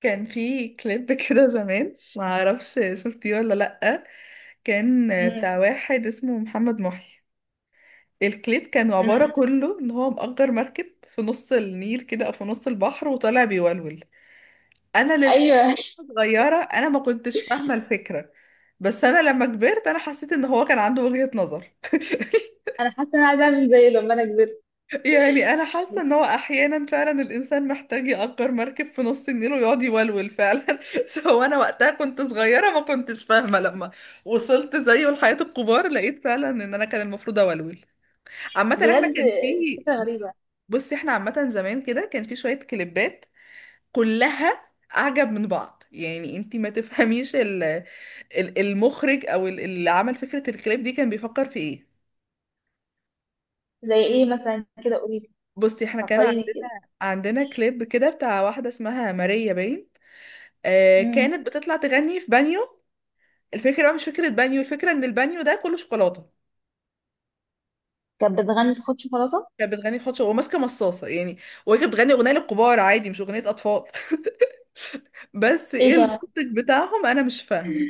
كان في كليب كده زمان ما اعرفش شفتيه ولا لأ. كان مم. بتاع واحد اسمه محمد محي. الكليب كان عبارة مم. كله ان هو مأجر مركب في نص النيل كده او في نص البحر وطالع بيولول. انا للحقيقة ايوه. صغيرة، ما كنتش فاهمة الفكرة، بس انا لما كبرت حسيت ان هو كان عنده وجهة نظر انا حاسه ان انا عايزه اعمل زيه لما انا كبرت. يعني انا حاسه بس ان هو احيانا فعلا الانسان محتاج يأجر مركب في نص النيل ويقعد يولول فعلا سو انا وقتها كنت صغيره ما كنتش فاهمه لما وصلت زيه لحياه الكبار، لقيت فعلا ان انا كان المفروض اولول. عامه احنا بجد، كان في، فكره غريبه. بصي احنا عامه زمان كده كان في شويه كليبات كلها اعجب من بعض. يعني انتي ما تفهميش المخرج او اللي عمل فكره الكليب دي كان بيفكر في ايه. زي ايه مثلا كده؟ قولي لي، بصي احنا كان فكريني كده. عندنا كليب كده بتاع واحدة اسمها ماريا باين، آه مم. كانت بتطلع تغني في بانيو. الفكرة بقى مش فكرة بانيو، الفكرة ان البانيو ده كله شوكولاتة. كانت بتغني خد شوكولاته؟ كانت بتغني في حوض شوكولاتة وماسكة مصاصة يعني، وهي كانت بتغني اغنية للكبار عادي مش اغنية اطفال بس ايه ايه ده؟ المنطق بتاعهم انا مش فاهمة.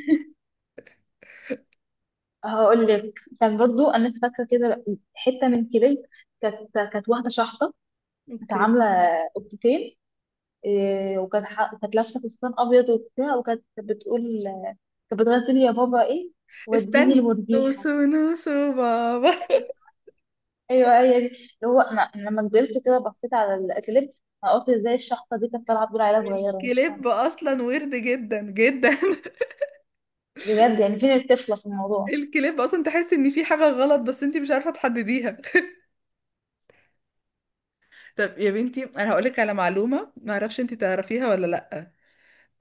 هقول لك، كان برضو انا فاكره كده حته من كليب. كانت واحده شحطه، كانت اوكي. عامله قبطتين. إيه، كانت لابسه فستان ابيض وبتاع، وكانت بتقول، كانت بتغني تقول يا بابا ايه وديني استني المرجيحه. نوسو بابا ايوه، هي دي. اللي هو أنا لما كبرت كده بصيت على الاكليب، انا قلت ازاي الشحطه دي كانت طالعه تقول عليها؟ صغيره مش فاهمه. الكليب اصلا ويرد جدا جدا بجد يعني، فين الطفله في الموضوع؟ الكليب اصلا تحس ان في حاجة غلط بس انت مش عارفة تحدديها. طب يا بنتي انا هقولك على معلومه ما اعرفش انت تعرفيها ولا لا.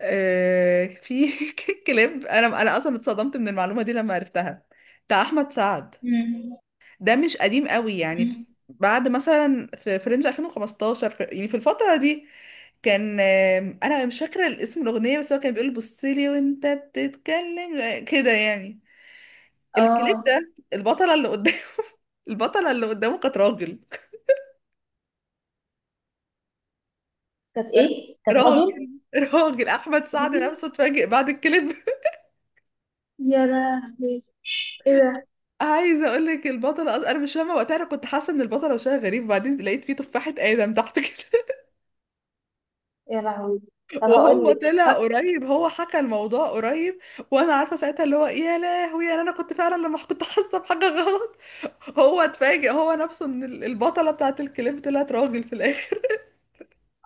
آه في كليب، انا اصلا اتصدمت من المعلومه دي لما عرفتها، بتاع احمد سعد. مم. ده مش قديم قوي يعني مم. بعد مثلا في رينج 2015، يعني في الفتره دي كان انا مش فاكره الاسم الاغنيه، بس هو كان بيقول بصلي وانت بتتكلم، كده يعني. الكليب اه، ده البطله اللي قدامه البطله اللي قدامه كانت راجل. كانت ايه؟ كانت راجل؟ راجل احمد سعد راجل؟ نفسه اتفاجئ بعد الكليب يا لهوي، ايه ده؟ عايزه اقول لك البطله انا مش فاهمه وقتها، انا كنت حاسه ان البطله وشها غريب وبعدين لقيت فيه تفاحه ادم تحت كده يا لهوي. طب هقول وهو لك، طلع فاك- قريب، هو حكى الموضوع قريب. وانا عارفه ساعتها اللي هو يا لهوي. يعني انا كنت فعلا لما كنت حاسه بحاجه غلط، هو اتفاجئ هو نفسه ان البطله بتاعت الكليب طلعت راجل في الاخر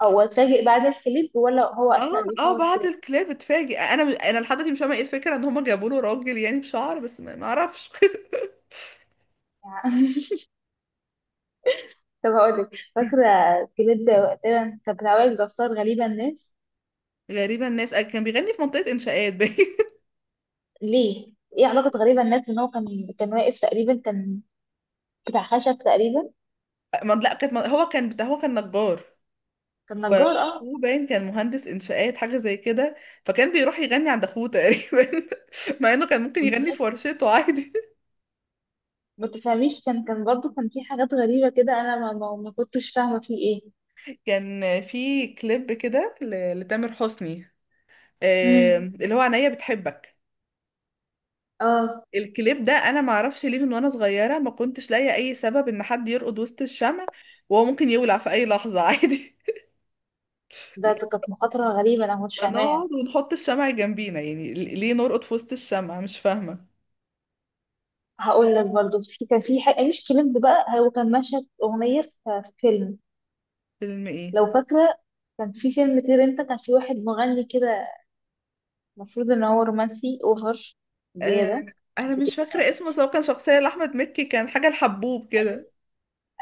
او اتفاجئ بعد الكليب ولا هو اه. اثناء اه بيصور بعد كليب؟ الكليب اتفاجئ. انا لحد دلوقتي مش فاهمه ايه الفكره ان هم جابوا له راجل يعني بشعر، بس ما اعرفش يعني. طب هقول لك، فاكره كليب تقريبا كان بتاع وائل جسار، غريبه الناس. غريبة الناس، كان بيغني في منطقة إنشاءات باين ليه؟ ايه علاقه غريبه الناس ان هو كان، كان واقف تقريبا، كان بتاع خشب تقريبا؟ لا كانت هو كان بتاع، هو كان نجار، كان و نجار، اه. وأخوه باين كان مهندس إنشاءات حاجة زي كده، فكان بيروح يغني عند أخوه تقريبا مع إنه كان ممكن يغني في بالظبط. ورشته عادي. ما تفهميش، كان برضو كان في حاجات غريبة كده، انا ما كنتش فاهمة فيه ايه. كان في كليب كده لتامر حسني، امم، اللي هو عينيا بتحبك. اه. الكليب ده انا ما اعرفش ليه، من وانا صغيره ما كنتش لاقيه اي سبب ان حد يرقد وسط الشمع وهو ممكن يولع في اي لحظه عادي ده ده كانت مخاطرة غريبة، انا ما كنتش ما فاهماها. نقعد ونحط الشمع جنبينا يعني، ليه نرقد في وسط الشمع؟ مش فاهمة. هقول لك برضو، في كان في حاجة مش كليب بقى، هو كان مشهد اغنية في في فيلم. فيلم ايه؟ لو فاكرة، كان في فيلم طير انت، كان في واحد مغني كده، المفروض ان هو رومانسي اوفر، آه زيادة. انا حبتين مش فاكرة يعني. اسمه، بس هو كان شخصية لأحمد مكي كان حاجة الحبوب كده. ايوه،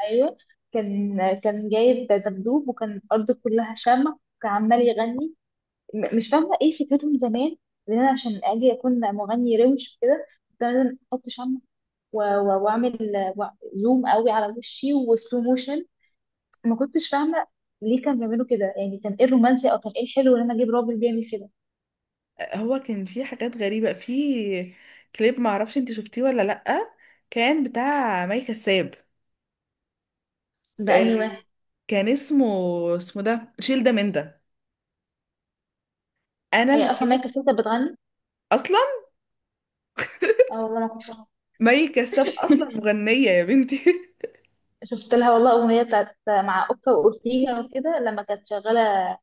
ايوه، كان كان جايب دبدوب، وكان الارض كلها شمع، وكان عمال يغني. مش فاهمه ايه فكرتهم زمان، ان انا عشان اجي اكون مغني روش كده كنت لازم احط شمع، واعمل، زوم قوي على وشي وسلو موشن. ما كنتش فاهمه ليه كانوا بيعملوا كده يعني. كان ايه الرومانسي او كان ايه الحلو ان انا اجيب راجل بيعمل كده؟ هو كان فيه حاجات غريبة في كليب، معرفش انت شفتيه ولا لأ، كان بتاع مي كساب. ده آه انهي واحد؟ كان اسمه، اسمه ده شيل ده من ده. انا هي اصلا الكليب مايكا سيتا بتغني؟ اصلا، اه، والله ما كنت أعرف. مي كساب اصلا مغنية يا بنتي شفت لها والله اغنيه بتاعت مع اوكا واورتيجا وكده، لما كانت شغاله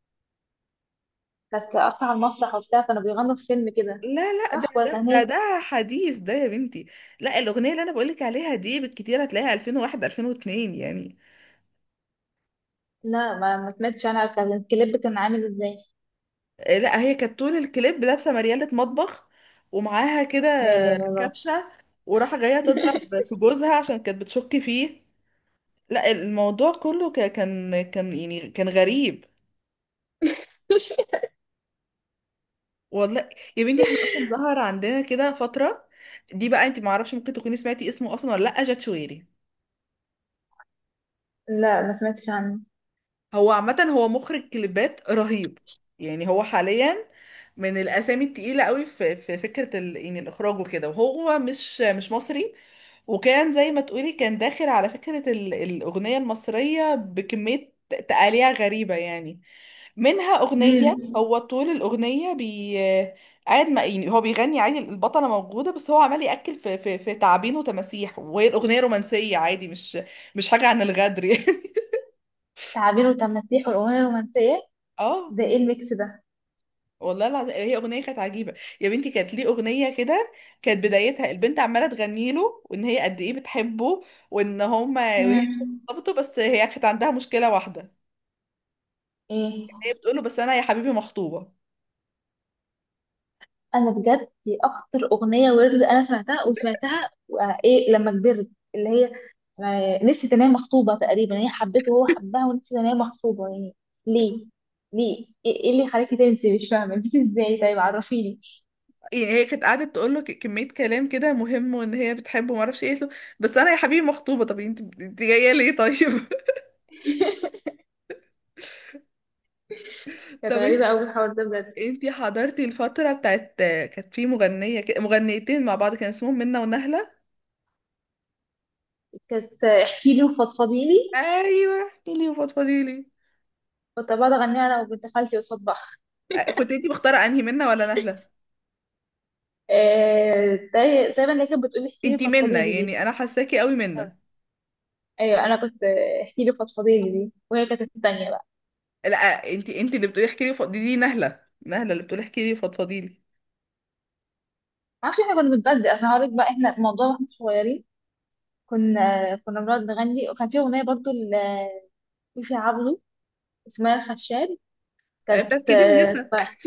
كانت قافله على المسرح وبتاع، كانوا بيغنوا في فيلم كده. لا لا، ده صح ولا؟ ده كان ده هي؟ ده حديث ده يا بنتي. لا الأغنية اللي أنا بقولك عليها دي بالكتير هتلاقيها 2001 2002 يعني. لا، ما سمعتش. انا كان الكليب كان عامل ازاي؟ لا هي كانت طول الكليب لابسة مريالة مطبخ ومعاها كده لا، لا، لا، لا. كبشة، وراحة جاية تضرب في جوزها عشان كانت بتشك فيه. لا الموضوع كله كان يعني كان غريب. والله يا بنتي احنا أصلا ظهر عندنا كده فترة، دي بقى انت معرفش ممكن تكوني سمعتي اسمه أصلا ولا لأ، جات شويري. لا، ما سمعتش عنه. هو عامة هو مخرج كليبات رهيب، يعني هو حاليا من الأسامي التقيلة قوي في فكرة ال... يعني الإخراج وكده. وهو مش مصري، وكان زي ما تقولي كان داخل على فكرة ال... الأغنية المصرية بكمية تقاليع غريبة يعني. منها أغنية امم. هو طول الأغنية بي قاعد ما، يعني هو بيغني عادي، البطلة موجودة، بس هو عمال يأكل في تعابين وتماسيح، وهي الأغنية رومانسية عادي، مش حاجة عن الغدر يعني تعابير وتماسيح والأغنية الرومانسية؟ اه ده ايه الميكس ده؟ والله العظيم هي اغنيه كانت عجيبه. يا بنتي كانت ليه اغنيه كده؟ كانت بدايتها البنت عماله تغني له وان هي قد ايه بتحبه، وان هما، وان هي مش امم، مرتبطه، بس هي كانت عندها مشكله واحده. ايه. هي بتقول له بس انا يا حبيبي مخطوبه. انا بجد، دي اكتر اغنيه ورد انا سمعتها وسمعتها، ايه لما كبرت. اللي هي نسيت ان هي مخطوبه. تقريبا هي حبته وهو حبها، ونسيت ان هي مخطوبه يعني. ليه ليه إيه اللي خلاكي تنسي؟ مش فاهمه، نسيتي ازاي؟ طيب، عرفيني. يعني هي كانت قعدت تقول له كميه كلام كده مهم وان هي بتحبه ما اعرفش ايه قالت له، بس انا يا حبيبي مخطوبه. طب انت جايه ليه طيب؟ كانت طب غريبه انت، قوي الحوار ده بجد. انت حضرتي الفتره بتاعت كانت في مغنيه كده- مغنيتين مع بعض كان اسمهم منة ونهله. كانت، احكي لي وفضفضي لي. ايوه احكي لي وفضفضي لي. كنت بقعد اغنيها انا وبنت خالتي قصاد بعض. كنت انتي مختاره انهي، منا ولا نهله؟ زي ما اللي كانت بتقولي احكي لي انتي فضفضي منا، لي دي. يعني انا حاساكي قوي أو. منا. ايوه، انا كنت احكي لي فضفضي لي دي، وهي كانت التانية بقى. لا انتي اللي بتقولي احكي لي دي، دي نهله. نهله اللي بتقولي احكي لي فضفضي لي. ما اعرفش، احنا كنا بنتبدل. اصل هقولك بقى، احنا الموضوع واحنا صغيرين كنا بنقعد نغني، وكان في اغنيه برضو لفيفي عبده اسمها الخشاب، بتاعت كانت، كيد النسا. فرح.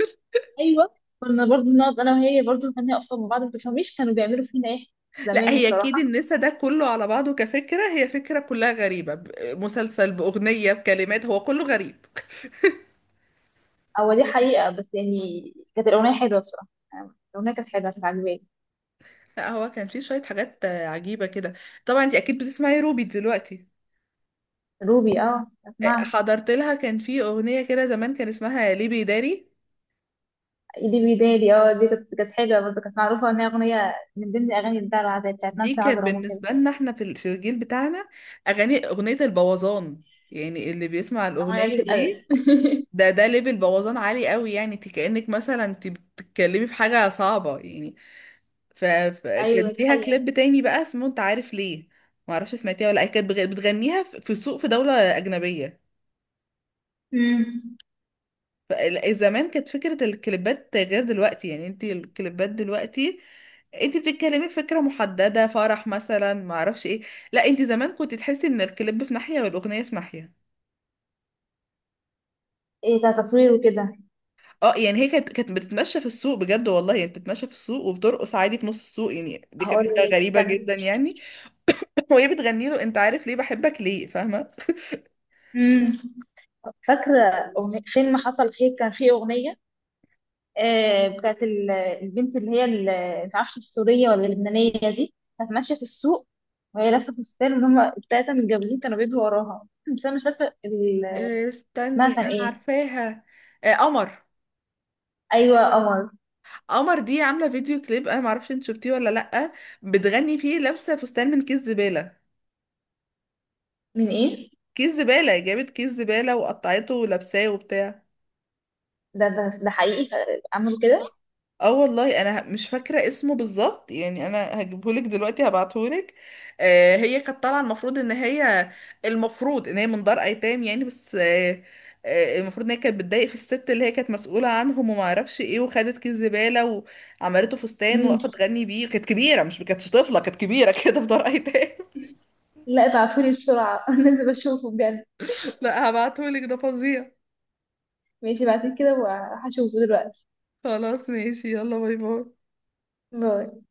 ايوه، كنا برضو نقعد انا وهي برضو نغني قصاد بعض. ما تفهميش كانوا بيعملوا فينا ايه لا زمان هي كيد بصراحه. النسا ده كله على بعضه كفكره، هي فكره كلها غريبه. مسلسل باغنيه بكلمات، هو كله غريب. هو دي حقيقه، بس يعني كانت الاغنيه حلوه بصراحه. يعني الاغنيه كانت حلوه، كانت عجباني. لا هو كان فيه شويه حاجات عجيبه كده. طبعا انتي اكيد بتسمعي روبي دلوقتي. روبي، اه، اسمعها. حضرت لها كان في اغنيه كده زمان، كان اسمها ليبي داري. ايدي بيدالي، اه، دي كانت حلوه برضه، كانت معروفه ان هي اغنيه من ضمن اغاني الدلع العادية بتاعت دي نانسي كانت عجرم وكده. بالنسبة لنا احنا في في الجيل بتاعنا أغاني أغنية البوظان. يعني اللي بيسمع اغنيه قلت الأغنية دي، الادب. ده ده ليفل بوظان عالي قوي، يعني انت كأنك مثلا انت بتتكلمي في حاجة صعبة يعني. فكان ايوه، دي ليها حقيقة. كليب تاني بقى اسمه انت عارف ليه، معرفش سمعتيها ولا لأ. هي بتغنيها في في سوق في دولة أجنبية. امم، زمان كانت فكرة الكليبات غير دلوقتي، يعني انت الكليبات دلوقتي انت بتتكلمي فكرة محددة، فرح مثلا، معرفش ايه. لا انت زمان كنت تحسي ان الكليب في ناحية والأغنية في ناحية. ايه ده، تصوير وكده؟ اه يعني هي كانت بتتمشى في السوق بجد والله، يعني بتتمشى في السوق وبترقص عادي في نص السوق، يعني دي كانت هقول حاجة لك غريبة كان. جدا يعني وهي بتغني له انت عارف ليه بحبك ليه، فاهمة. امم فاكره أغنية فيلم حصل خير، كان فيه اغنيه بتاعت البنت اللي هي، معرفش السوريه ولا اللبنانيه دي. كانت ماشيه في السوق وهي لابسه فستان، وهم التلاته متجوزين كانوا بيجوا وراها. بس انا مش فاكره اسمها استني كان انا ايه. عارفاها. قمر. ايوه، قمر. قمر دي عامله فيديو كليب، انا معرفش انت شفتيه ولا لا، بتغني فيه لابسه فستان من كيس زباله. من ايه؟ جابت كيس زباله وقطعته ولابساه وبتاع. ده حقيقي؟ عملوا كده؟ اه والله انا مش فاكره اسمه بالظبط، يعني انا هجيبهولك دلوقتي هبعتهولك. آه هي كانت طالعه المفروض ان هي، المفروض ان هي من دار ايتام يعني، بس آه، آه المفروض ان هي كانت بتضايق في الست اللي هي كانت مسؤوله عنهم وما اعرفش ايه، وخدت كيس زباله وعملته فستان امم. وقفت تغني بيه. كانت كبيره، مش كانتش طفله، كانت كبيره كده في دار ايتام. لا، ابعتولي بسرعة. لازم اشوفه بجد. لا هبعتهولك ده فظيع. ماشي، بعد كده وهشوفه دلوقتي. خلاص ماشي، يلا باي باي. باي.